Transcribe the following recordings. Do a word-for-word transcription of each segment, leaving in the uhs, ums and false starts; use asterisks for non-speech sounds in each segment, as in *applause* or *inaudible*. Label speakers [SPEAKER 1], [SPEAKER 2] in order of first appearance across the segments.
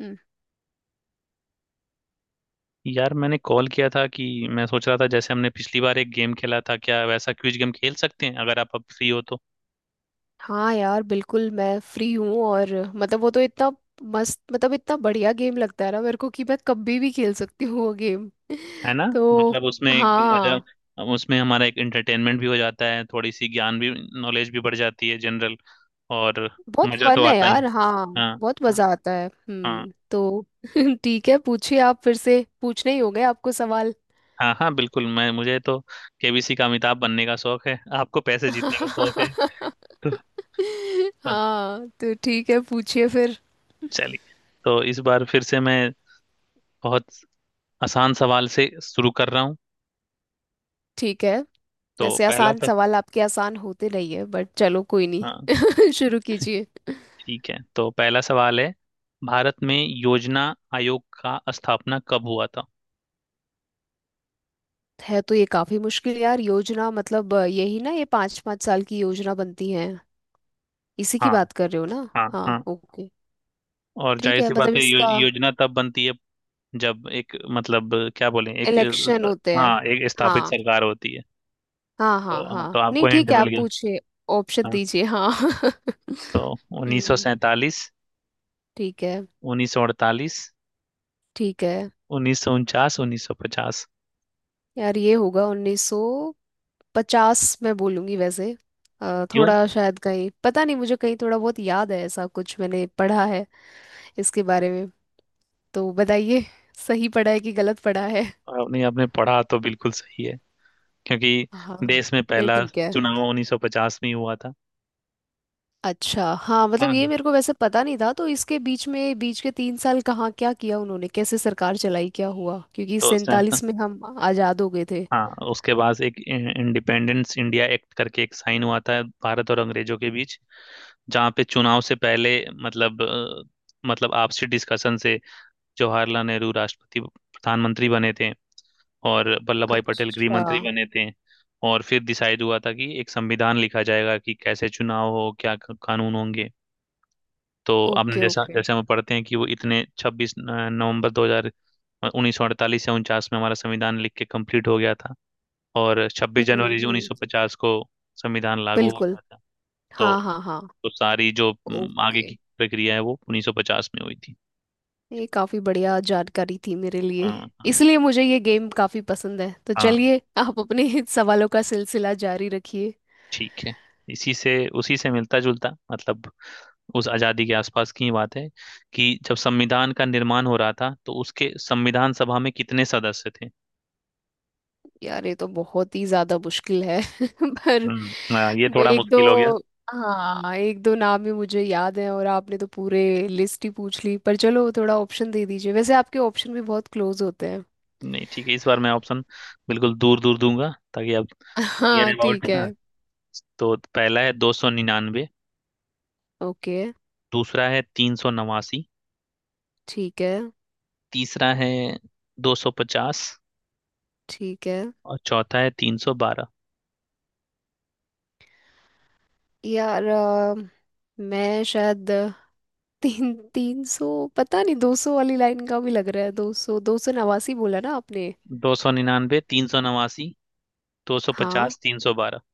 [SPEAKER 1] हम्म।
[SPEAKER 2] यार मैंने कॉल किया था कि मैं सोच रहा था, जैसे हमने पिछली बार एक गेम खेला था, क्या वैसा क्विज गेम खेल सकते हैं अगर आप अब फ्री हो तो।
[SPEAKER 1] हाँ यार, बिल्कुल मैं फ्री हूँ। और मतलब वो तो इतना मस्त, मतलब इतना बढ़िया गेम लगता है ना मेरे को कि मैं कभी भी खेल सकती हूँ वो गेम। *laughs*
[SPEAKER 2] है ना,
[SPEAKER 1] तो
[SPEAKER 2] मतलब उसमें एक मजा,
[SPEAKER 1] हाँ,
[SPEAKER 2] उसमें हमारा एक एंटरटेनमेंट भी हो जाता है, थोड़ी सी ज्ञान भी, नॉलेज भी बढ़ जाती है जनरल, और
[SPEAKER 1] बहुत
[SPEAKER 2] मजा तो
[SPEAKER 1] फन है
[SPEAKER 2] आता
[SPEAKER 1] यार।
[SPEAKER 2] ही।
[SPEAKER 1] हाँ,
[SPEAKER 2] हाँ
[SPEAKER 1] बहुत मजा आता है।
[SPEAKER 2] हाँ।
[SPEAKER 1] हम्म तो *laughs* ठीक है, पूछिए। आप फिर से पूछने ही हो गए आपको सवाल।
[SPEAKER 2] हाँ हाँ बिल्कुल, मैं मुझे तो केबीसी का अमिताभ बनने का शौक है, आपको पैसे जीतने का शौक है
[SPEAKER 1] *laughs*
[SPEAKER 2] तो। हाँ,
[SPEAKER 1] हाँ, तो ठीक है, पूछिए फिर।
[SPEAKER 2] चलिए। तो इस बार फिर से मैं बहुत आसान सवाल से शुरू कर रहा हूँ।
[SPEAKER 1] ठीक है।
[SPEAKER 2] तो
[SPEAKER 1] वैसे
[SPEAKER 2] पहला
[SPEAKER 1] आसान
[SPEAKER 2] सर।
[SPEAKER 1] सवाल आपके आसान होते नहीं है, बट चलो कोई
[SPEAKER 2] हाँ,
[SPEAKER 1] नहीं। *laughs* शुरू कीजिए।
[SPEAKER 2] ठीक है, तो पहला सवाल है, भारत में योजना आयोग का स्थापना कब हुआ था।
[SPEAKER 1] है तो ये काफी मुश्किल यार। योजना मतलब अ, यही ना, ये पाँच पाँच साल की योजना बनती है। इसी की
[SPEAKER 2] हाँ
[SPEAKER 1] बात कर रहे हो ना?
[SPEAKER 2] हाँ हाँ।
[SPEAKER 1] हाँ ओके।
[SPEAKER 2] और
[SPEAKER 1] ठीक
[SPEAKER 2] जाहिर
[SPEAKER 1] है,
[SPEAKER 2] सी
[SPEAKER 1] मतलब
[SPEAKER 2] बात है, यो,
[SPEAKER 1] इसका
[SPEAKER 2] योजना तब बनती है जब एक, मतलब क्या बोलें, एक
[SPEAKER 1] इलेक्शन
[SPEAKER 2] अ,
[SPEAKER 1] होते हैं।
[SPEAKER 2] हाँ एक स्थापित
[SPEAKER 1] हाँ
[SPEAKER 2] सरकार होती है।
[SPEAKER 1] हाँ
[SPEAKER 2] तो
[SPEAKER 1] हाँ।
[SPEAKER 2] हाँ, तो
[SPEAKER 1] हाँ,
[SPEAKER 2] आपको
[SPEAKER 1] नहीं
[SPEAKER 2] हिंट
[SPEAKER 1] ठीक है,
[SPEAKER 2] मिल
[SPEAKER 1] आप
[SPEAKER 2] गया।
[SPEAKER 1] पूछिए। ऑप्शन
[SPEAKER 2] हाँ।
[SPEAKER 1] दीजिए, हाँ। *laughs*
[SPEAKER 2] तो उन्नीस सौ
[SPEAKER 1] हम्म।
[SPEAKER 2] सैंतालीस
[SPEAKER 1] ठीक है,
[SPEAKER 2] उन्नीस सौ अड़तालीस,
[SPEAKER 1] ठीक है।
[SPEAKER 2] उन्नीस सौ उनचास, उन्नीस सौ पचास।
[SPEAKER 1] यार ये होगा उन्नीस सौ पचास, मैं बोलूंगी वैसे। अ,
[SPEAKER 2] क्यों?
[SPEAKER 1] थोड़ा शायद कहीं, पता नहीं मुझे कहीं थोड़ा बहुत याद है, ऐसा कुछ मैंने पढ़ा है इसके बारे में। तो बताइए, सही पढ़ा है कि गलत पढ़ा है।
[SPEAKER 2] आपने आपने पढ़ा तो बिल्कुल सही है, क्योंकि
[SPEAKER 1] हाँ,
[SPEAKER 2] देश में
[SPEAKER 1] फिर
[SPEAKER 2] पहला
[SPEAKER 1] ठीक है।
[SPEAKER 2] चुनाव उन्नीस सौ पचास में ही हुआ था।
[SPEAKER 1] अच्छा, हाँ, मतलब ये
[SPEAKER 2] हाँ।
[SPEAKER 1] मेरे को वैसे पता नहीं था, तो इसके बीच में, बीच के तीन साल कहाँ, क्या किया उन्होंने, कैसे सरकार चलाई, क्या हुआ? क्योंकि
[SPEAKER 2] तो सैंता,
[SPEAKER 1] सैंतालीस में हम आज़ाद हो गए थे।
[SPEAKER 2] हाँ उसके बाद एक इंडिपेंडेंस इंडिया एक्ट करके एक साइन हुआ था भारत और अंग्रेजों के बीच, जहाँ पे चुनाव से पहले, मतलब अ, मतलब आपसी डिस्कशन से जवाहरलाल नेहरू राष्ट्रपति प्रधानमंत्री बने थे और वल्लभ भाई पटेल गृह
[SPEAKER 1] अच्छा।
[SPEAKER 2] मंत्री बने थे। और फिर डिसाइड हुआ था कि एक संविधान लिखा जाएगा, कि कैसे चुनाव हो, क्या क- कानून होंगे। तो आपने
[SPEAKER 1] ओके
[SPEAKER 2] जैसा,
[SPEAKER 1] ओके।
[SPEAKER 2] जैसे हम पढ़ते हैं कि वो इतने छब्बीस नवंबर दो हजार उन्नीस सौ अड़तालीस या उनचास में हमारा संविधान लिख के कंप्लीट हो गया था। और छब्बीस
[SPEAKER 1] हम्म
[SPEAKER 2] जनवरी उन्नीस
[SPEAKER 1] हम्म।
[SPEAKER 2] सौ पचास को संविधान लागू हो
[SPEAKER 1] बिल्कुल।
[SPEAKER 2] गया था।
[SPEAKER 1] हाँ
[SPEAKER 2] तो
[SPEAKER 1] हाँ हाँ।
[SPEAKER 2] तो सारी जो हम्म, आगे
[SPEAKER 1] ओके।
[SPEAKER 2] की प्रक्रिया है वो उन्नीस सौ पचास में हुई थी।
[SPEAKER 1] ये काफ़ी बढ़िया जानकारी थी मेरे लिए।
[SPEAKER 2] हाँ हाँ।
[SPEAKER 1] इसलिए मुझे ये गेम काफ़ी पसंद है, तो
[SPEAKER 2] हाँ,
[SPEAKER 1] चलिए आप अपने *laughs* सवालों का सिलसिला जारी रखिए।
[SPEAKER 2] ठीक है। इसी से, उसी से मिलता जुलता, मतलब उस आज़ादी के आसपास की ही बात है, कि जब संविधान का निर्माण हो रहा था तो उसके संविधान सभा में कितने सदस्य थे।
[SPEAKER 1] यार, ये तो बहुत ही ज्यादा मुश्किल है। *laughs* पर
[SPEAKER 2] हम्म हाँ, ये
[SPEAKER 1] वो
[SPEAKER 2] थोड़ा
[SPEAKER 1] एक दो
[SPEAKER 2] मुश्किल हो गया।
[SPEAKER 1] हाँ, एक दो नाम ही मुझे याद है, और आपने तो पूरे लिस्ट ही पूछ ली। पर चलो, थोड़ा ऑप्शन दे दीजिए। वैसे आपके ऑप्शन भी बहुत क्लोज होते हैं।
[SPEAKER 2] नहीं ठीक है, इस बार मैं ऑप्शन बिल्कुल दूर दूर दूंगा ताकि आप नियर
[SPEAKER 1] हाँ
[SPEAKER 2] अबाउट।
[SPEAKER 1] ठीक है।
[SPEAKER 2] हाँ, तो पहला है दो सौ निन्यानवे,
[SPEAKER 1] ओके
[SPEAKER 2] दूसरा है तीन सौ नवासी,
[SPEAKER 1] ठीक है।
[SPEAKER 2] तीसरा है दो सौ पचास,
[SPEAKER 1] ठीक है
[SPEAKER 2] और चौथा है तीन सौ बारह।
[SPEAKER 1] यार। अ, मैं शायद तीन तीन सौ, पता नहीं, दो सौ वाली लाइन का भी लग रहा है। दो सौ, दो सौ नवासी बोला ना आपने?
[SPEAKER 2] दो सौ निन्यानवे, तीन सौ नवासी, दो सौ
[SPEAKER 1] हाँ,
[SPEAKER 2] पचास तीन सौ बारह।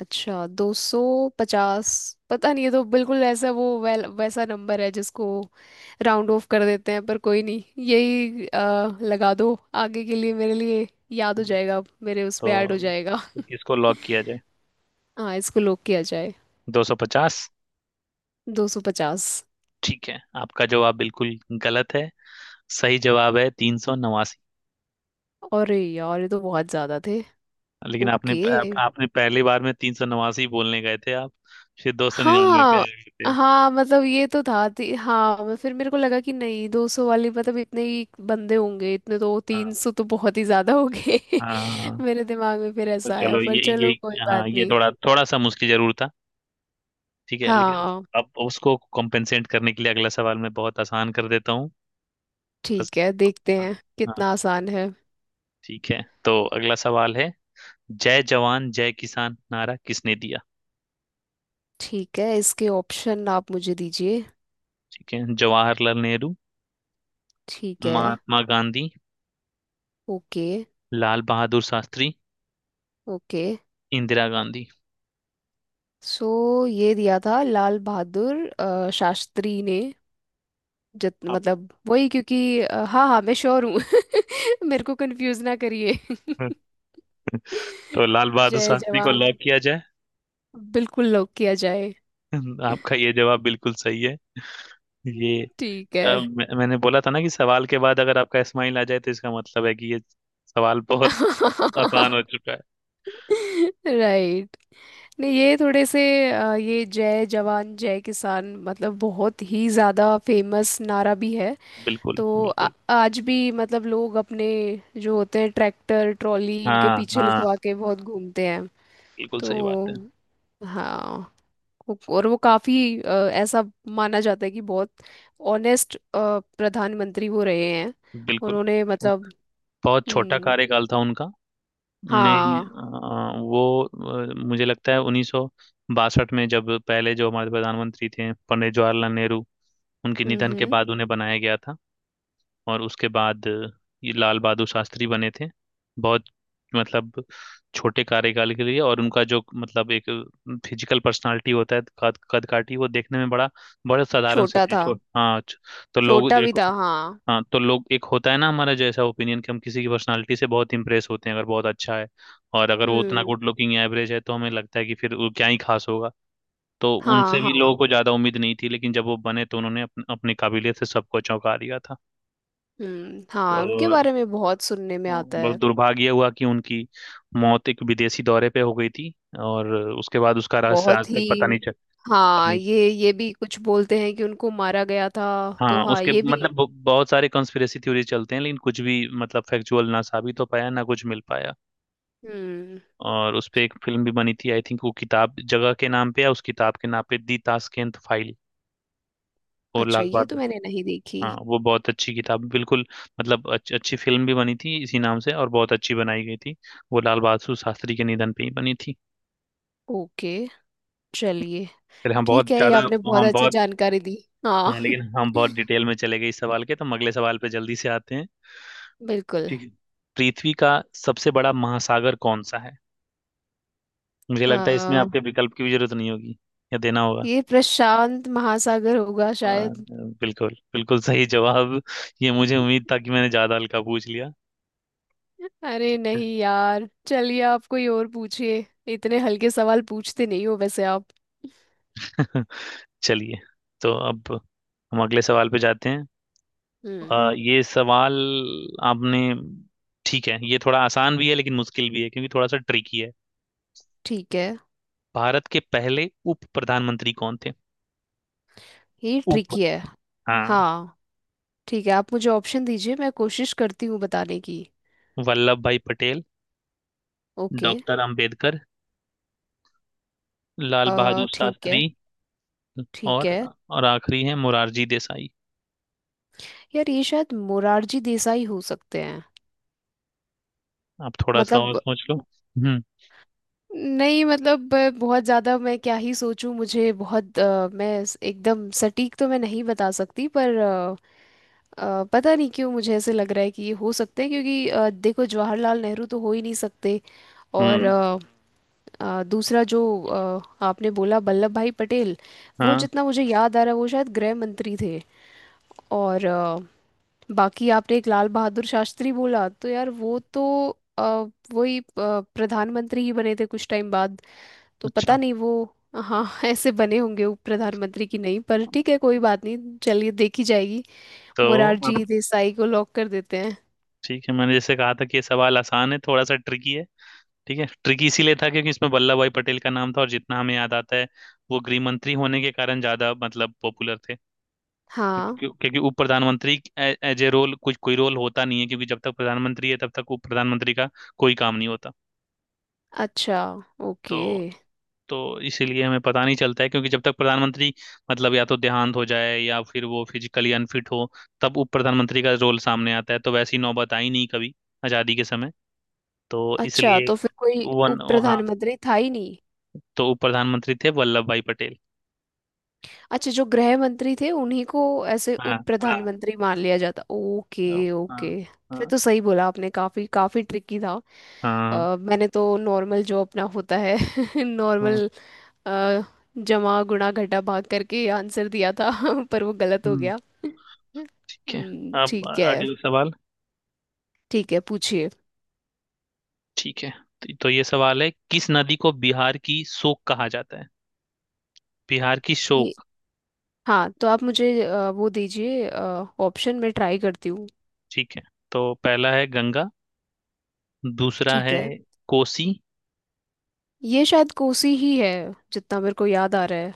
[SPEAKER 1] अच्छा, दो सौ पचास। पता नहीं, ये तो बिल्कुल ऐसा, वो वैल, वैसा नंबर है जिसको राउंड ऑफ कर देते हैं। पर कोई नहीं, यही अ, लगा दो। आगे के लिए मेरे लिए याद हो जाएगा, मेरे उसमें ऐड
[SPEAKER 2] तो,
[SPEAKER 1] हो जाएगा।
[SPEAKER 2] तो किसको लॉक किया जाए?
[SPEAKER 1] हाँ, इसको लॉक किया जाए,
[SPEAKER 2] दो सौ पचास?
[SPEAKER 1] दो सौ पचास।
[SPEAKER 2] ठीक है, आपका जवाब बिल्कुल गलत है। सही जवाब है तीन सौ नवासी।
[SPEAKER 1] अरे यार, ये तो बहुत ज़्यादा थे।
[SPEAKER 2] लेकिन आपने,
[SPEAKER 1] ओके।
[SPEAKER 2] आप, आपने पहली बार में तीन सौ नवासी बोलने गए थे आप, फिर दो सौ निन्यानवे पे आ
[SPEAKER 1] हाँ
[SPEAKER 2] गए थे।
[SPEAKER 1] हाँ, मतलब ये तो था ती, हाँ, मैं- फिर मेरे को लगा कि नहीं, दो सौ वाली, मतलब इतने ही बंदे होंगे, इतने। तो
[SPEAKER 2] हाँ
[SPEAKER 1] तीन सौ तो बहुत ही ज्यादा हो गए।
[SPEAKER 2] हाँ हाँ।
[SPEAKER 1] *laughs*
[SPEAKER 2] हाँ।
[SPEAKER 1] मेरे दिमाग में फिर
[SPEAKER 2] तो
[SPEAKER 1] ऐसा आया,
[SPEAKER 2] चलो,
[SPEAKER 1] पर
[SPEAKER 2] ये ये
[SPEAKER 1] चलो कोई
[SPEAKER 2] हाँ
[SPEAKER 1] बात
[SPEAKER 2] ये
[SPEAKER 1] नहीं।
[SPEAKER 2] थोड़ा थोड़ा सा मुश्किल जरूर था, ठीक है, लेकिन
[SPEAKER 1] हाँ
[SPEAKER 2] अब उसको कॉम्पेंसेट करने के लिए अगला सवाल मैं बहुत आसान कर देता हूँ। बस।
[SPEAKER 1] ठीक है, देखते
[SPEAKER 2] हाँ।
[SPEAKER 1] हैं
[SPEAKER 2] हाँ,
[SPEAKER 1] कितना आसान है।
[SPEAKER 2] ठीक है, तो अगला सवाल है, जय जवान जय किसान नारा किसने दिया?
[SPEAKER 1] ठीक है, इसके ऑप्शन आप मुझे दीजिए।
[SPEAKER 2] ठीक है, जवाहरलाल नेहरू,
[SPEAKER 1] ठीक है।
[SPEAKER 2] Mahatma Gandhi,
[SPEAKER 1] okay
[SPEAKER 2] Lal Bahadur Shastri,
[SPEAKER 1] okay.
[SPEAKER 2] Indira Gandhi.
[SPEAKER 1] So ये दिया था लाल बहादुर अ, शास्त्री ने। जित
[SPEAKER 2] आप-
[SPEAKER 1] मतलब वही, क्योंकि अ, हाँ हाँ, मैं श्योर हूँ। *laughs* मेरे को कंफ्यूज ना करिए। *laughs*
[SPEAKER 2] *laughs* तो लाल बहादुर
[SPEAKER 1] जय
[SPEAKER 2] शास्त्री को लॉक
[SPEAKER 1] जवान,
[SPEAKER 2] किया जाए?
[SPEAKER 1] बिल्कुल लॉक किया जाए।
[SPEAKER 2] *laughs* आपका ये जवाब बिल्कुल सही है। ये
[SPEAKER 1] ठीक है।
[SPEAKER 2] अ, मैं, मैंने बोला था ना कि सवाल के बाद अगर आपका स्माइल आ जाए तो इसका मतलब है कि ये सवाल बहुत आसान हो
[SPEAKER 1] *laughs*
[SPEAKER 2] चुका है।
[SPEAKER 1] राइट। नहीं, ये थोड़े से अ, ये जय जवान जय किसान मतलब बहुत ही ज़्यादा फेमस नारा भी है।
[SPEAKER 2] बिल्कुल
[SPEAKER 1] तो आ,
[SPEAKER 2] बिल्कुल।
[SPEAKER 1] आज भी मतलब लोग अपने जो होते हैं ट्रैक्टर ट्रॉली इनके
[SPEAKER 2] हाँ
[SPEAKER 1] पीछे
[SPEAKER 2] हाँ,
[SPEAKER 1] लिखवा के बहुत घूमते हैं।
[SPEAKER 2] बिल्कुल सही बात है।
[SPEAKER 1] तो हाँ, वो- और वो काफी अ, ऐसा माना जाता है कि बहुत ऑनेस्ट प्रधानमंत्री वो रहे हैं।
[SPEAKER 2] बिल्कुल।
[SPEAKER 1] उन्होंने मतलब।
[SPEAKER 2] बहुत छोटा
[SPEAKER 1] हम्म।
[SPEAKER 2] कार्यकाल था उनका ने।
[SPEAKER 1] हाँ।
[SPEAKER 2] अ, वो अ, मुझे लगता है उन्नीस सौ बासठ में, जब पहले जो हमारे प्रधानमंत्री थे पंडित जवाहरलाल नेहरू, उनके
[SPEAKER 1] हम्म
[SPEAKER 2] निधन के
[SPEAKER 1] हम्म।
[SPEAKER 2] बाद उन्हें बनाया गया था। और उसके बाद ये लाल बहादुर शास्त्री बने थे, बहुत मतलब छोटे कार्यकाल के लिए। और उनका जो मतलब एक फिजिकल पर्सनालिटी होता है, कद कदकाठी, वो देखने में बड़ा, बड़े साधारण से
[SPEAKER 1] छोटा
[SPEAKER 2] थे,
[SPEAKER 1] था।
[SPEAKER 2] छो- हाँ छ-। तो लोग
[SPEAKER 1] छोटा भी
[SPEAKER 2] देखो,
[SPEAKER 1] था, हाँ।
[SPEAKER 2] हाँ, तो लोग, एक होता है ना हमारा जैसा ओपिनियन, कि हम किसी की पर्सनालिटी से बहुत इंप्रेस होते हैं अगर बहुत अच्छा है, और अगर वो उतना
[SPEAKER 1] हम्म।
[SPEAKER 2] गुड लुकिंग एवरेज है तो हमें लगता है कि फिर वो क्या ही खास होगा। तो
[SPEAKER 1] हाँ
[SPEAKER 2] उनसे भी
[SPEAKER 1] हाँ।
[SPEAKER 2] लोगों को ज्यादा उम्मीद नहीं थी, लेकिन जब वो बने तो उन्होंने अपन- अपनी काबिलियत से सबको चौंका दिया था।
[SPEAKER 1] हम्म। हाँ, उनके
[SPEAKER 2] और
[SPEAKER 1] बारे में बहुत सुनने में आता
[SPEAKER 2] बस
[SPEAKER 1] है।
[SPEAKER 2] दुर्भाग्य हुआ कि उनकी मौत एक विदेशी दौरे पे हो गई थी, और उसके बाद उसका रहस्य आज
[SPEAKER 1] बहुत
[SPEAKER 2] तक
[SPEAKER 1] ही।
[SPEAKER 2] पता नहीं चल, पता
[SPEAKER 1] हाँ,
[SPEAKER 2] नहीं चल-।
[SPEAKER 1] ये ये भी कुछ बोलते हैं कि उनको मारा गया था। तो
[SPEAKER 2] हाँ
[SPEAKER 1] हाँ,
[SPEAKER 2] उसके
[SPEAKER 1] ये भी।
[SPEAKER 2] मतलब ब- बहुत सारे कंस्पिरेसी थ्योरी चलते हैं, लेकिन कुछ भी मतलब फैक्चुअल ना साबित हो पाया ना कुछ मिल पाया।
[SPEAKER 1] हम्म।
[SPEAKER 2] और उस पे एक फिल्म भी बनी थी, आई थिंक वो किताब जगह के नाम पे या उस किताब के नाम पे, दी ताशकंद फाइल। और
[SPEAKER 1] अच्छा,
[SPEAKER 2] लाल
[SPEAKER 1] ये तो
[SPEAKER 2] बहादुर।
[SPEAKER 1] मैंने नहीं देखी।
[SPEAKER 2] हाँ वो बहुत अच्छी किताब, बिल्कुल मतलब अच्छी अच्छी फिल्म भी बनी थी इसी नाम से, और बहुत अच्छी बनाई गई थी। वो लाल बहादुर शास्त्री के निधन पे ही बनी थी।
[SPEAKER 1] ओके, चलिए।
[SPEAKER 2] फिर हम बहुत
[SPEAKER 1] ठीक है, ये
[SPEAKER 2] ज्यादा,
[SPEAKER 1] आपने बहुत
[SPEAKER 2] हम
[SPEAKER 1] अच्छी
[SPEAKER 2] बहुत,
[SPEAKER 1] जानकारी दी। हाँ।
[SPEAKER 2] हाँ
[SPEAKER 1] *laughs*
[SPEAKER 2] लेकिन हम बहुत डिटेल में चले गए इस सवाल के, तो हम अगले सवाल पे जल्दी से आते हैं।
[SPEAKER 1] बिल्कुल।
[SPEAKER 2] ठीक है। पृथ्वी का सबसे बड़ा महासागर कौन सा है? मुझे लगता है इसमें
[SPEAKER 1] आ,
[SPEAKER 2] आपके विकल्प की भी जरूरत नहीं होगी, या देना होगा?
[SPEAKER 1] ये प्रशांत महासागर होगा
[SPEAKER 2] आ,
[SPEAKER 1] शायद।
[SPEAKER 2] बिल्कुल बिल्कुल सही जवाब। ये मुझे उम्मीद था कि मैंने ज्यादा हल्का पूछ लिया।
[SPEAKER 1] अरे नहीं यार, चलिए आप कोई और पूछिए। इतने हल्के सवाल पूछते नहीं हो वैसे आप।
[SPEAKER 2] *laughs* चलिए। तो अब हम अगले सवाल पे जाते हैं।
[SPEAKER 1] हम्म।
[SPEAKER 2] आ, ये सवाल आपने, ठीक है ये थोड़ा आसान भी है लेकिन मुश्किल भी है क्योंकि थोड़ा सा ट्रिकी है।
[SPEAKER 1] ठीक है।
[SPEAKER 2] भारत के पहले उप प्रधानमंत्री कौन थे?
[SPEAKER 1] ये
[SPEAKER 2] उप,
[SPEAKER 1] ट्रिकी है।
[SPEAKER 2] हाँ,
[SPEAKER 1] हाँ ठीक है, आप मुझे ऑप्शन दीजिए, मैं कोशिश करती हूँ बताने की।
[SPEAKER 2] Vallabhbhai Patel,
[SPEAKER 1] okay.
[SPEAKER 2] Doctor Ambedkar, Lal
[SPEAKER 1] आ
[SPEAKER 2] बहादुर
[SPEAKER 1] ठीक है।
[SPEAKER 2] शास्त्री,
[SPEAKER 1] ठीक
[SPEAKER 2] और
[SPEAKER 1] है
[SPEAKER 2] और आखिरी है मुरारजी देसाई।
[SPEAKER 1] यार, ये शायद मोरारजी देसाई हो सकते हैं।
[SPEAKER 2] आप थोड़ा सा और
[SPEAKER 1] मतलब
[SPEAKER 2] सोच लो। हम्म।
[SPEAKER 1] नहीं, मतलब अ, बहुत ज़्यादा मैं क्या ही सोचूं, मुझे बहुत अ, मैं स- एकदम सटीक तो मैं नहीं बता सकती, पर अ, अ, पता नहीं क्यों मुझे ऐसे लग रहा है कि ये हो सकते हैं, क्योंकि अ, देखो, जवाहरलाल नेहरू तो हो ही नहीं सकते। और
[SPEAKER 2] हम्म।
[SPEAKER 1] अ, अ, दूसरा जो अ, आपने बोला, वल्लभ भाई पटेल, वो
[SPEAKER 2] हाँ।
[SPEAKER 1] जितना मुझे याद आ रहा है वो शायद गृह मंत्री थे। और अ, बाकी आपने एक लाल बहादुर शास्त्री बोला, तो यार वो तो अ, वही अ, प्रधानमंत्री ही बने थे कुछ टाइम बाद। तो पता
[SPEAKER 2] अच्छा।
[SPEAKER 1] नहीं वो, हाँ *laughs* ऐसे बने होंगे उप प्रधानमंत्री की नहीं? पर ठीक है, कोई बात नहीं, चलिए देखी जाएगी।
[SPEAKER 2] तो
[SPEAKER 1] मोरारजी
[SPEAKER 2] अब
[SPEAKER 1] देसाई को लॉक कर देते हैं।
[SPEAKER 2] ठीक है, मैंने जैसे कहा था कि ये सवाल आसान है, थोड़ा सा ट्रिकी है। ठीक है, ट्रिकी इसीलिए था क्योंकि इसमें वल्लभ भाई पटेल का नाम था और जितना हमें याद आता है वो गृह मंत्री होने के कारण ज्यादा मतलब पॉपुलर थे।
[SPEAKER 1] हाँ,
[SPEAKER 2] क्योंकि, क्योंकि उप प्रधानमंत्री एज ए रोल, कुछ कोई रोल होता नहीं है, क्योंकि जब तक प्रधानमंत्री है तब तक उप प्रधानमंत्री का कोई काम नहीं होता।
[SPEAKER 1] अच्छा। ओके।
[SPEAKER 2] तो तो इसीलिए हमें पता नहीं चलता है, क्योंकि जब तक प्रधानमंत्री, मतलब या तो देहांत हो जाए या फिर वो फिजिकली अनफिट हो, तब उप प्रधानमंत्री का रोल सामने आता है, तो वैसी नौबत आई नहीं कभी आजादी के समय। तो
[SPEAKER 1] अच्छा,
[SPEAKER 2] इसलिए,
[SPEAKER 1] तो फिर कोई उप
[SPEAKER 2] वन, हाँ,
[SPEAKER 1] प्रधानमंत्री था ही नहीं?
[SPEAKER 2] तो उप प्रधानमंत्री थे वल्लभ भाई पटेल।
[SPEAKER 1] अच्छा, जो गृह मंत्री थे उन्हीं को ऐसे
[SPEAKER 2] हाँ
[SPEAKER 1] उप
[SPEAKER 2] हाँ
[SPEAKER 1] प्रधानमंत्री मान लिया जाता।
[SPEAKER 2] हाँ
[SPEAKER 1] ओके
[SPEAKER 2] हाँ
[SPEAKER 1] ओके। फिर
[SPEAKER 2] हाँ।
[SPEAKER 1] तो सही बोला आपने, काफी काफी ट्रिकी था।
[SPEAKER 2] हाँ,
[SPEAKER 1] अ, मैंने तो नॉर्मल जो अपना होता है *laughs*
[SPEAKER 2] हाँ,
[SPEAKER 1] नॉर्मल जमा गुणा घटा भाग करके आंसर दिया था। *laughs* पर वो गलत हो
[SPEAKER 2] हम्म,
[SPEAKER 1] गया। *laughs*
[SPEAKER 2] ठीक है।
[SPEAKER 1] हम्म,
[SPEAKER 2] अब
[SPEAKER 1] ठीक है।
[SPEAKER 2] अगला सवाल।
[SPEAKER 1] ठीक है, पूछिए।
[SPEAKER 2] ठीक है, तो तो ये सवाल है, किस नदी को बिहार की शोक कहा जाता है? बिहार की
[SPEAKER 1] ये-
[SPEAKER 2] शोक।
[SPEAKER 1] हाँ, तो आप मुझे अ, वो दीजिए ऑप्शन में, ट्राई करती हूँ।
[SPEAKER 2] ठीक है, तो पहला है गंगा, दूसरा
[SPEAKER 1] ठीक
[SPEAKER 2] है
[SPEAKER 1] है,
[SPEAKER 2] कोसी।
[SPEAKER 1] ये शायद कोसी ही है, जितना मेरे को याद आ रहा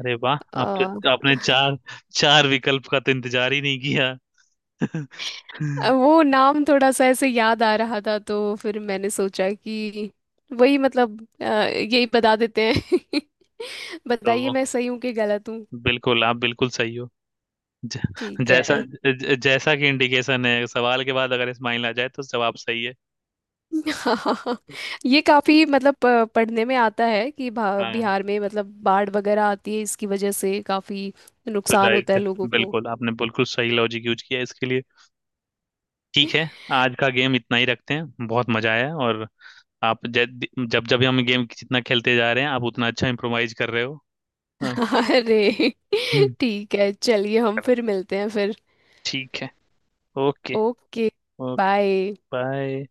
[SPEAKER 2] अरे वाह, आप
[SPEAKER 1] है।
[SPEAKER 2] तो आपने चार चार विकल्प का तो इंतजार ही नहीं किया। *laughs*
[SPEAKER 1] अब वो नाम थोड़ा सा ऐसे याद आ रहा था, तो फिर मैंने सोचा कि वही मतलब, अ, यही बता देते हैं। *laughs* बताइए,
[SPEAKER 2] तो
[SPEAKER 1] मैं सही हूँ कि गलत हूँ।
[SPEAKER 2] बिल्कुल, आप बिल्कुल सही हो। ज,
[SPEAKER 1] ठीक
[SPEAKER 2] जैसा
[SPEAKER 1] है।
[SPEAKER 2] ज, जैसा कि इंडिकेशन है, सवाल के बाद अगर स्माइल आ जाए तो जवाब सही है।
[SPEAKER 1] *laughs* हाँ, ये काफी मतलब अ, पढ़ने में आता है कि भा-
[SPEAKER 2] हाँ।
[SPEAKER 1] बिहार में मतलब बाढ़ वगैरह आती है, इसकी वजह से काफी
[SPEAKER 2] तो
[SPEAKER 1] नुकसान
[SPEAKER 2] जाहिर
[SPEAKER 1] होता है
[SPEAKER 2] है,
[SPEAKER 1] लोगों को।
[SPEAKER 2] बिल्कुल आपने बिल्कुल सही लॉजिक यूज किया इसके लिए। ठीक है,
[SPEAKER 1] *laughs*
[SPEAKER 2] आज का गेम इतना ही रखते हैं, बहुत मजा आया। और आप जब, जब जब हम गेम जितना खेलते जा रहे हैं, आप उतना अच्छा इम्प्रोवाइज कर रहे हो। हाँ।
[SPEAKER 1] अरे,
[SPEAKER 2] हम्म।
[SPEAKER 1] ठीक है, चलिए हम
[SPEAKER 2] चलो,
[SPEAKER 1] फिर मिलते हैं फिर।
[SPEAKER 2] ठीक है। Okay.
[SPEAKER 1] Okay.
[SPEAKER 2] Okay.
[SPEAKER 1] Bye.
[SPEAKER 2] Bye.